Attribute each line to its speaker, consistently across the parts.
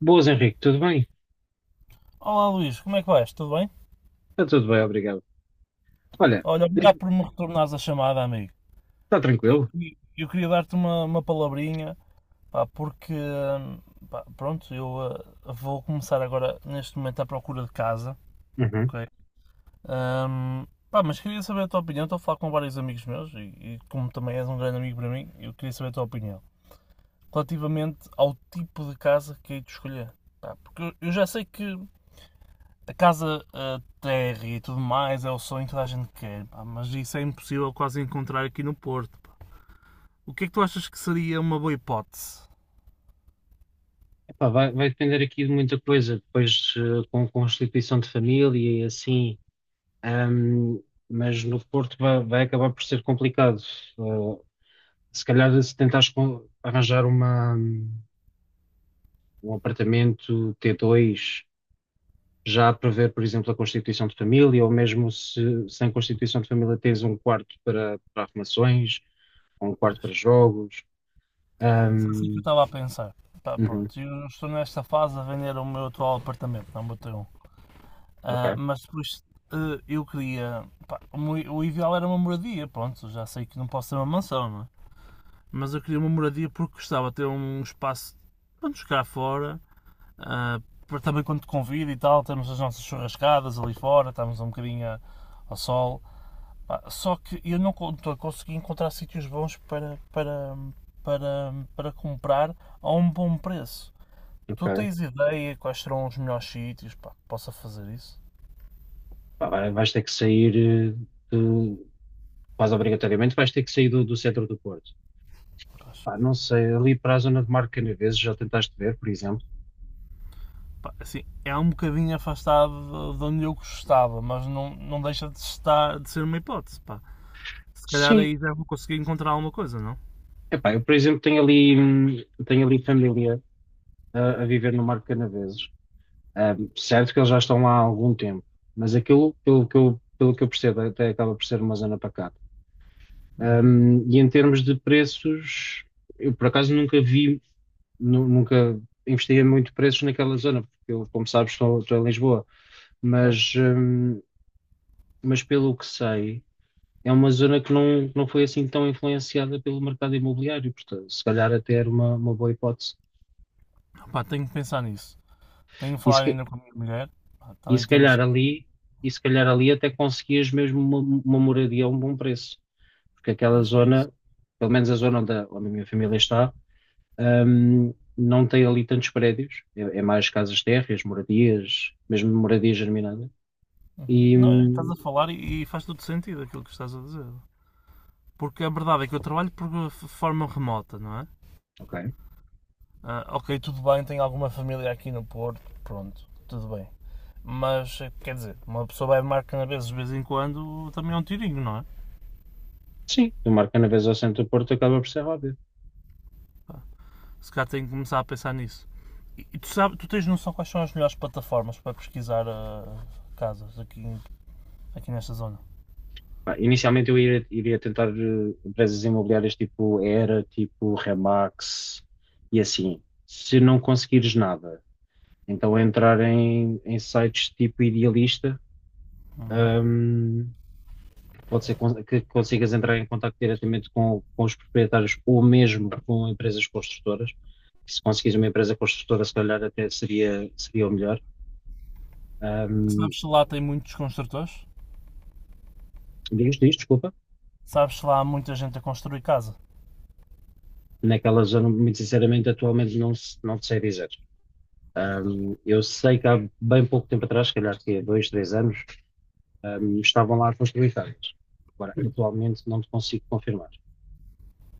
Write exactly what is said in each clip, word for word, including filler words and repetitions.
Speaker 1: Boas, Henrique, tudo bem?
Speaker 2: Olá Luís, como é que vais? Tudo bem?
Speaker 1: Está tudo bem, obrigado. Olha,
Speaker 2: Olha, obrigado
Speaker 1: diz-me,
Speaker 2: por me retornares a chamada, amigo.
Speaker 1: está
Speaker 2: E
Speaker 1: tranquilo?
Speaker 2: e eu queria dar-te uma, uma palavrinha, pá, porque, hum, pá, pronto, eu ah, vou começar agora, neste momento, à procura de casa,
Speaker 1: Uhum.
Speaker 2: ok? Hum, pá, mas queria saber a tua opinião. Estou a falar com vários amigos meus e, e como também és um grande amigo para mim, eu queria saber a tua opinião relativamente ao tipo de casa que hei de escolher. Pá, porque eu, eu já sei que a casa, a terra e tudo mais é o sonho que toda a gente quer, pá, mas isso é impossível quase encontrar aqui no Porto, pá. O que é que tu achas que seria uma boa hipótese?
Speaker 1: Epá, vai, vai depender aqui de muita coisa, depois eh, com com a constituição de família e assim, ahm, mas no Porto vai, vai acabar por ser complicado. Eh, se calhar se tentares com- arranjar uma, um apartamento t dois já a prever, por exemplo, a constituição de família, ou mesmo se sem constituição de família tens um quarto para, para arrumações, ou um quarto
Speaker 2: Pois,
Speaker 1: para jogos.
Speaker 2: foi assim que eu
Speaker 1: Hum.
Speaker 2: estava a pensar. Tá,
Speaker 1: Uhum.
Speaker 2: pronto, eu estou nesta fase a vender o meu atual apartamento, não botei um.
Speaker 1: Ok,
Speaker 2: Ah, mas depois ah, eu queria, pá, o meu- o ideal era uma moradia, pronto, já sei que não posso ter uma mansão, não é? Mas eu queria uma moradia porque gostava de ter um espaço para nos ficar fora. Ah, por- Também quando te convido e tal, temos as nossas churrascadas ali fora, estamos um bocadinho ao sol. Só que eu não con- tô- consegui encontrar sítios bons para, para, para, para comprar a um bom preço. Tu
Speaker 1: ok.
Speaker 2: tens ideia quais serão os melhores sítios para que possa fazer isso?
Speaker 1: Pá, vai- vais ter que sair, eh, de- quase obrigatoriamente, vais ter que sair do, do centro do Porto. Pá, não sei, ali para a zona de Marco Canaveses, já tentaste ver, por exemplo?
Speaker 2: Assim, é um bocadinho afastado de onde eu gostava, mas não, não deixa de estar, de ser uma hipótese. Pá, se calhar
Speaker 1: Sim.
Speaker 2: aí já vou conseguir encontrar alguma coisa, não?
Speaker 1: Epá, eu, por exemplo, tenho ali, hum, tenho ali família a, a viver no Marco Canaveses. Ahm, certo que eles já estão lá há algum tempo, mas aquilo, pelo que eu, pelo que eu percebo, até acaba por ser uma zona pacata.
Speaker 2: Uhum.
Speaker 1: Ahm, e em termos de preços, eu por acaso nunca vi nu- nunca investiguei muito preços naquela zona, porque eu, como sabes, estou, estou em Lisboa,
Speaker 2: Pois.
Speaker 1: mas, hum, mas pelo que sei, é uma zona que não, não foi assim tão influenciada pelo mercado imobiliário, portanto, se calhar até era uma, uma boa hipótese.
Speaker 2: Pá, tenho que pensar nisso. Tenho a
Speaker 1: E se,
Speaker 2: falar
Speaker 1: ca-
Speaker 2: ainda com a minha mulher. Pá,
Speaker 1: e
Speaker 2: também
Speaker 1: se
Speaker 2: temos.
Speaker 1: calhar ali, e se calhar ali até conseguias mesmo uma, uma moradia a um bom preço, porque aquela
Speaker 2: Pois é isso.
Speaker 1: zona, pelo menos a zona onde a, onde a minha família está, hum, não tem ali tantos prédios, é, é mais casas térreas, moradias, mesmo moradias germinadas.
Speaker 2: Uhum.
Speaker 1: E
Speaker 2: Não, é, estás
Speaker 1: hum,
Speaker 2: a falar e, e faz todo sentido aquilo que estás a dizer. Porque a verdade é que eu trabalho por f- forma remota, não é?
Speaker 1: Ok.
Speaker 2: Ah, ok, tudo bem, tenho alguma família aqui no Porto, pronto, tudo bem. Mas, eh, quer dizer, uma pessoa vai marcar na vez de vez em quando, também é um tirinho, não é?
Speaker 1: Sim, do Marcanaves ao centro do Porto acaba por ser óbvio.
Speaker 2: Se calhar tem que começar a pensar nisso. E, e tu, sabes, tu tens noção quais são as melhores plataformas para pesquisar ah, casas aqui, aqui nesta zona?
Speaker 1: Pá, inicialmente eu iria, iria tentar eh, empresas imobiliárias tipo Era, tipo Remax e assim. Se não conseguires nada, então entrar em, em sites tipo Idealista, hum, pode ser con- que consigas entrar em contato diretamente com, com os proprietários ou mesmo com empresas construtoras. Se conseguires uma empresa construtora, se calhar até seria, seria o melhor. Hum,
Speaker 2: Sabes se lá tem muitos construtores?
Speaker 1: diz, diz, desculpa.
Speaker 2: Sabes, lá há muita gente a construir casa.
Speaker 1: Naquela zona, muito sinceramente, atualmente não, se- não te sei dizer. Ahm, eu sei que há bem pouco tempo atrás, se calhar que é dois, três anos, ahm, estavam lá a construir casas. Agora, atualmente não te consigo confirmar.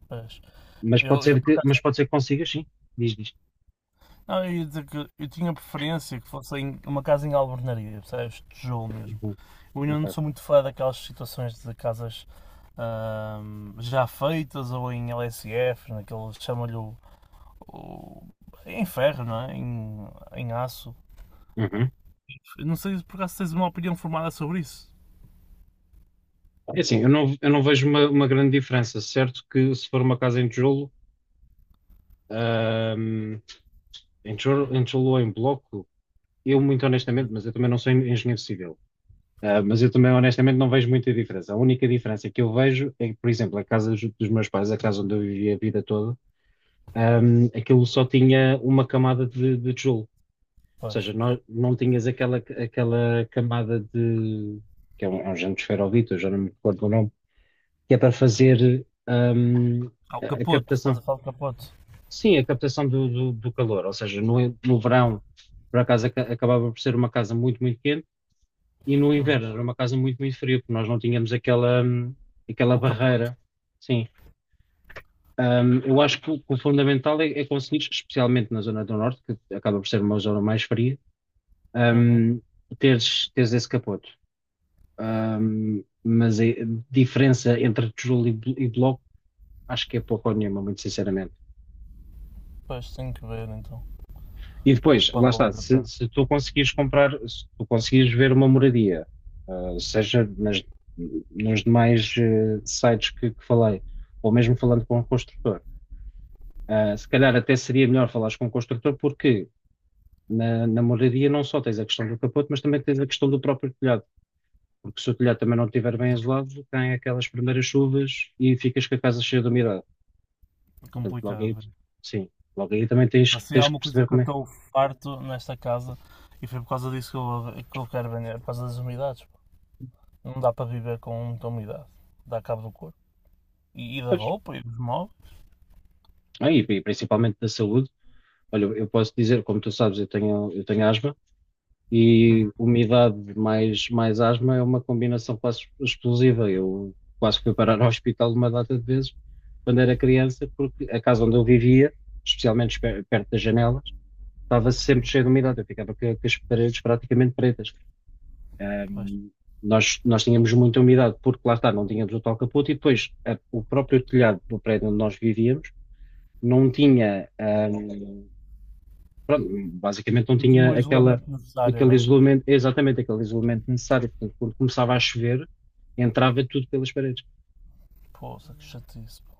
Speaker 2: Pois.
Speaker 1: Mas pode
Speaker 2: Eu, eu,
Speaker 1: ser
Speaker 2: por
Speaker 1: que, mas
Speaker 2: acaso-
Speaker 1: pode ser que consigas, sim. Diz, diz.
Speaker 2: não, eu ia dizer que eu tinha preferência que fosse em- uma casa em albernaria, percebes? Tijolo mesmo.
Speaker 1: Uhum.
Speaker 2: Eu ainda não
Speaker 1: Ok.
Speaker 2: sou muito fã daquelas situações de casas ahm, já feitas ou em L S F, naqueles chamam-lhe o, o- em ferro, não é? Em, em aço.
Speaker 1: Uhum.
Speaker 2: Eu não sei se por acaso tens uma opinião formada sobre isso.
Speaker 1: É assim, eu não, eu não vejo uma, uma grande diferença. Certo que se for uma casa em tijolo, ahm, em tijolo, em tijolo ou em bloco, eu muito honestamente, mas eu também não sou en- engenheiro civil. Ah, mas eu também, honestamente, não vejo muita diferença. A única diferença que eu vejo é que, por exemplo, a casa dos dos meus pais, a casa onde eu vivi a vida toda, ahm, aquilo só tinha uma camada de, de tijolo. Ou seja,
Speaker 2: Pois.
Speaker 1: não, não tinhas aquela, aquela camada de que é um, é um género de esferovite, eu já não me recordo o nome, que é para fazer ahm,
Speaker 2: Ah, o
Speaker 1: a, a
Speaker 2: capoto, estás
Speaker 1: captação.
Speaker 2: a falar do capoto.
Speaker 1: Sim, a captação do, do, do calor. Ou seja, no, no verão, por acaso, aca- acabava por ser uma casa muito, muito quente. E no
Speaker 2: Uhum.
Speaker 1: inverno era uma casa muito, muito fria, porque nós não tínhamos aquela, hum, aquela
Speaker 2: O capoto.
Speaker 1: barreira. Sim. Hum, eu acho que o, que o fundamental é, é conseguir, especialmente na zona do norte, que acaba por ser uma zona mais fria,
Speaker 2: Uhum.
Speaker 1: hum, teres, teres esse capoto. Hum, mas a diferença entre tijolo e, blo- e bloco, acho que é pouco ou nenhuma, muito sinceramente.
Speaker 2: Pois, tenho que ver então.
Speaker 1: E
Speaker 2: Pouco
Speaker 1: depois,
Speaker 2: para
Speaker 1: lá está,
Speaker 2: valer a
Speaker 1: se,
Speaker 2: pena.
Speaker 1: se tu conseguires comprar, se tu conseguires ver uma moradia, ah, seja nas, nos demais eh, sites que, que falei, ou mesmo falando com o construtor, ah, se calhar até seria melhor falares com o construtor, porque na, na moradia não só tens a questão do capote, mas também tens a questão do próprio telhado. Porque se o telhado também não estiver bem isolado, tem aquelas primeiras chuvas e ficas com a casa cheia de umidade.
Speaker 2: É
Speaker 1: Portanto, logo
Speaker 2: complicado,
Speaker 1: aí,
Speaker 2: velho.
Speaker 1: sim, logo aí também tens,
Speaker 2: Mas se há
Speaker 1: tens que
Speaker 2: alguma coisa
Speaker 1: perceber
Speaker 2: que eu
Speaker 1: como é.
Speaker 2: estou farto nesta casa e foi por causa disso que eu, que eu quero vender, por causa das umidades, pá. Não dá para viver com muita umidade. Dá cabo do corpo. E, e da
Speaker 1: Pois,
Speaker 2: roupa e dos móveis.
Speaker 1: ah, e, e principalmente da saúde. Olha, eu posso dizer, como tu sabes, eu tenho, eu tenho asma
Speaker 2: Uhum.
Speaker 1: e umidade mais, mais asma é uma combinação quase explosiva. Eu quase fui parar ao hospital uma data de vezes quando era criança, porque a casa onde eu vivia, especialmente pe- perto das janelas, estava sempre cheia de umidade. Eu ficava com, com as paredes praticamente pretas.
Speaker 2: Pois.
Speaker 1: Ahm, nós, nós tínhamos muita umidade, porque lá está, não tínhamos o tal capote e depois a- o próprio telhado do prédio onde nós vivíamos não tinha. Basicamente não
Speaker 2: E tinha o
Speaker 1: tinha aquela,
Speaker 2: isolamento necessário,
Speaker 1: aquele
Speaker 2: não é?
Speaker 1: isolamento, exatamente aquele isolamento necessário. Portanto, quando começava a chover, entrava tudo pelas paredes.
Speaker 2: Poça, que chatice, pá.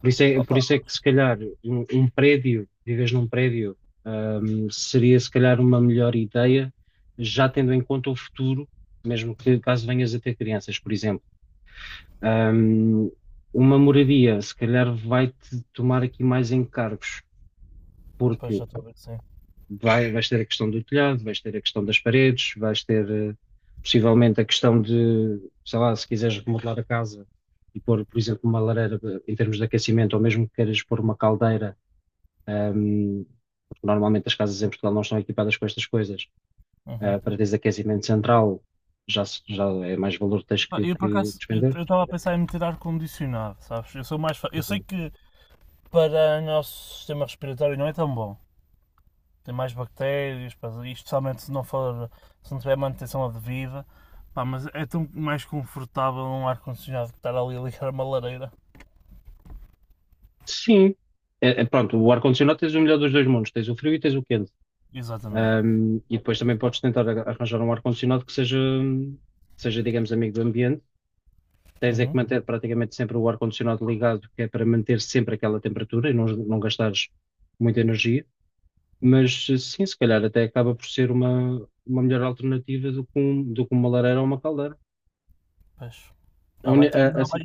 Speaker 1: Por isso é, por
Speaker 2: Opa,
Speaker 1: isso é que, se calhar, um, um prédio, vives num prédio, hum, seria, se calhar, uma melhor ideia, já tendo em conta o futuro, mesmo que caso venhas a ter crianças, por exemplo. Hum, uma moradia, se calhar, vai-te tomar aqui mais encargos,
Speaker 2: pois
Speaker 1: porque
Speaker 2: já estou a ver que sim.
Speaker 1: Vai, vais ter a questão do telhado, vais ter a questão das paredes, vais ter eh, possivelmente a questão de, sei lá, se quiseres remodelar a casa e pôr, por exemplo, uma lareira eh, em termos de aquecimento, ou mesmo que queiras pôr uma caldeira, ahm, porque normalmente as casas em Portugal não estão equipadas com estas coisas,
Speaker 2: Uhum.
Speaker 1: ah, para teres aquecimento central, já, se- já é mais valor que tens
Speaker 2: Ah,
Speaker 1: que,
Speaker 2: eu por
Speaker 1: que
Speaker 2: acaso, eu
Speaker 1: despender.
Speaker 2: eu estava a pensar em meter ar-condicionado, sabes? Eu sou mais. fa- Eu sei
Speaker 1: Uhum.
Speaker 2: que para o nosso sistema respiratório não é tão bom. Tem mais bactérias, pá, e especialmente se não for, se não tiver manutenção devida, pá, mas é tão mais confortável um ar-condicionado que estar ali a ligar uma lareira.
Speaker 1: Sim. É, é, pronto, o ar-condicionado tens o melhor dos dois mundos, tens o frio e tens o quente.
Speaker 2: Exatamente.
Speaker 1: Um, e depois também podes tentar a- arranjar um ar-condicionado que seja, que seja, digamos, amigo do ambiente. Tens é que
Speaker 2: Uhum.
Speaker 1: manter praticamente sempre o ar-condicionado ligado, que é para manter sempre aquela temperatura e não, não gastares muita energia. Mas sim, se calhar até acaba por ser uma, uma melhor alternativa do que, um- do que uma lareira ou uma caldeira.
Speaker 2: Pois.
Speaker 1: A
Speaker 2: Pá,
Speaker 1: uni-
Speaker 2: vai ter,
Speaker 1: a- a
Speaker 2: não, vai-
Speaker 1: si-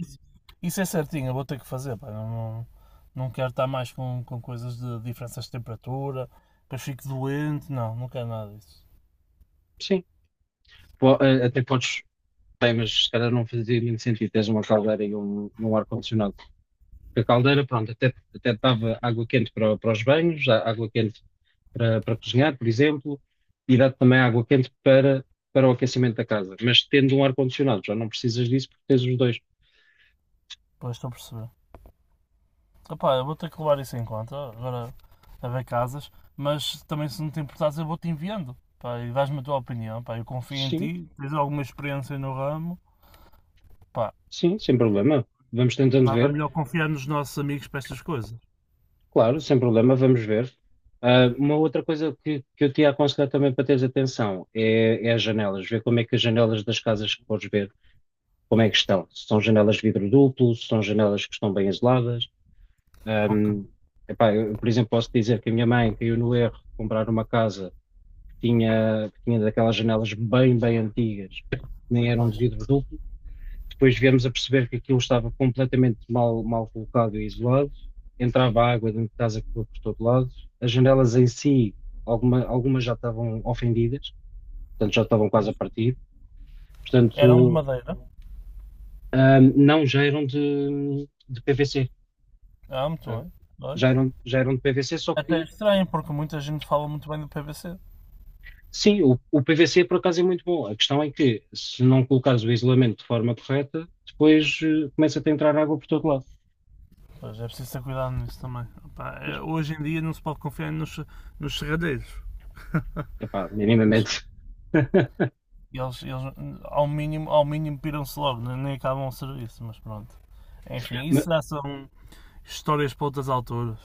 Speaker 2: isso é certinho, eu vou ter que fazer, pá, não, não, não quero estar mais com, com coisas de diferenças de temperatura, que eu fico doente, não, não quero nada disso.
Speaker 1: sim, Po- a- até podes. Bem, mas se calhar não fazia muito sentido teres uma caldeira e um, um ar-condicionado. Porque a caldeira, pronto, até, até dava água quente para, para os banhos, á- água quente para, para cozinhar, por exemplo, e dá-te também água quente para, para o aquecimento da casa. Mas tendo um ar-condicionado, já não precisas disso porque tens os dois.
Speaker 2: Pois estou a perceber. Opa, eu vou ter que levar isso em conta, agora a ver casas, mas também se não te importares eu vou-te enviando, pá, e dás-me a tua opinião, pá, eu confio em
Speaker 1: Sim,
Speaker 2: ti, tens alguma experiência no ramo, pá,
Speaker 1: sim, sem problema. Vamos tentando
Speaker 2: nada
Speaker 1: ver.
Speaker 2: melhor confiar nos nossos amigos para estas coisas.
Speaker 1: Claro, sem problema, vamos ver. Ah, uma outra coisa que, que eu te ia aconselhar também para teres atenção é, é as janelas. Ver como é que as janelas das casas que podes ver, como é que estão. Se são janelas de vidro duplo, se são janelas que estão bem isoladas.
Speaker 2: Ok,
Speaker 1: Ahm, Epá, eu, por exemplo, posso dizer que a minha mãe caiu no erro de comprar uma casa. Tinha, tinha daquelas janelas bem, bem antigas, nem eram de
Speaker 2: pois.
Speaker 1: vidro duplo. Depois viemos a perceber que aquilo estava completamente mal, mal colocado e isolado. Entrava água dentro de casa que foi por todo lado. As janelas em si, alguma, algumas já estavam ofendidas, portanto já estavam quase a
Speaker 2: Pois.
Speaker 1: partir.
Speaker 2: Eram de
Speaker 1: Portanto,
Speaker 2: madeira,
Speaker 1: hum, não, já eram de, de P V C.
Speaker 2: ah, muito
Speaker 1: hum,
Speaker 2: bem, olha.
Speaker 1: já eram, já eram de P V C, só
Speaker 2: Até é
Speaker 1: que.
Speaker 2: estranho, porque muita gente fala muito bem do P V C.
Speaker 1: Sim, o, o P V C por acaso é muito bom. A questão é que se não colocares o isolamento de forma correta, depois eh, começa a entrar água por todo lado.
Speaker 2: Pois, é preciso ter cuidado nisso também. Opá,
Speaker 1: Mas,
Speaker 2: é- hoje em dia não se pode confiar nos, nos serradeiros.
Speaker 1: epá,
Speaker 2: Mas,
Speaker 1: minimamente.
Speaker 2: eles, eles ao mínimo, ao mínimo piram-se logo, nem nem acabam o serviço, mas pronto. Enfim,
Speaker 1: Ma-
Speaker 2: isso já são histórias para outras alturas.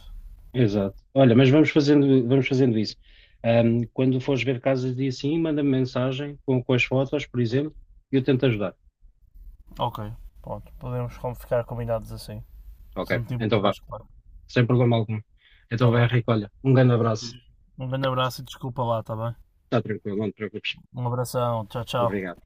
Speaker 1: Exato. Olha, mas vamos fazendo, vamos fazendo isso. Ahm, quando fores ver casas de assim, manda-me mensagem com, com as fotos, por exemplo, e eu tento ajudar.
Speaker 2: Ok, pronto, podemos com- ficar combinados assim.
Speaker 1: Ok,
Speaker 2: Se não te
Speaker 1: então vá,
Speaker 2: importares, claro.
Speaker 1: sem problema algum. Então
Speaker 2: Está
Speaker 1: vai,
Speaker 2: bem?
Speaker 1: Henrique, olha, um grande abraço.
Speaker 2: Um grande abraço e desculpa lá, está bem?
Speaker 1: Está tranquilo, não te preocupes.
Speaker 2: Um abração, tchau, tchau.
Speaker 1: Obrigado.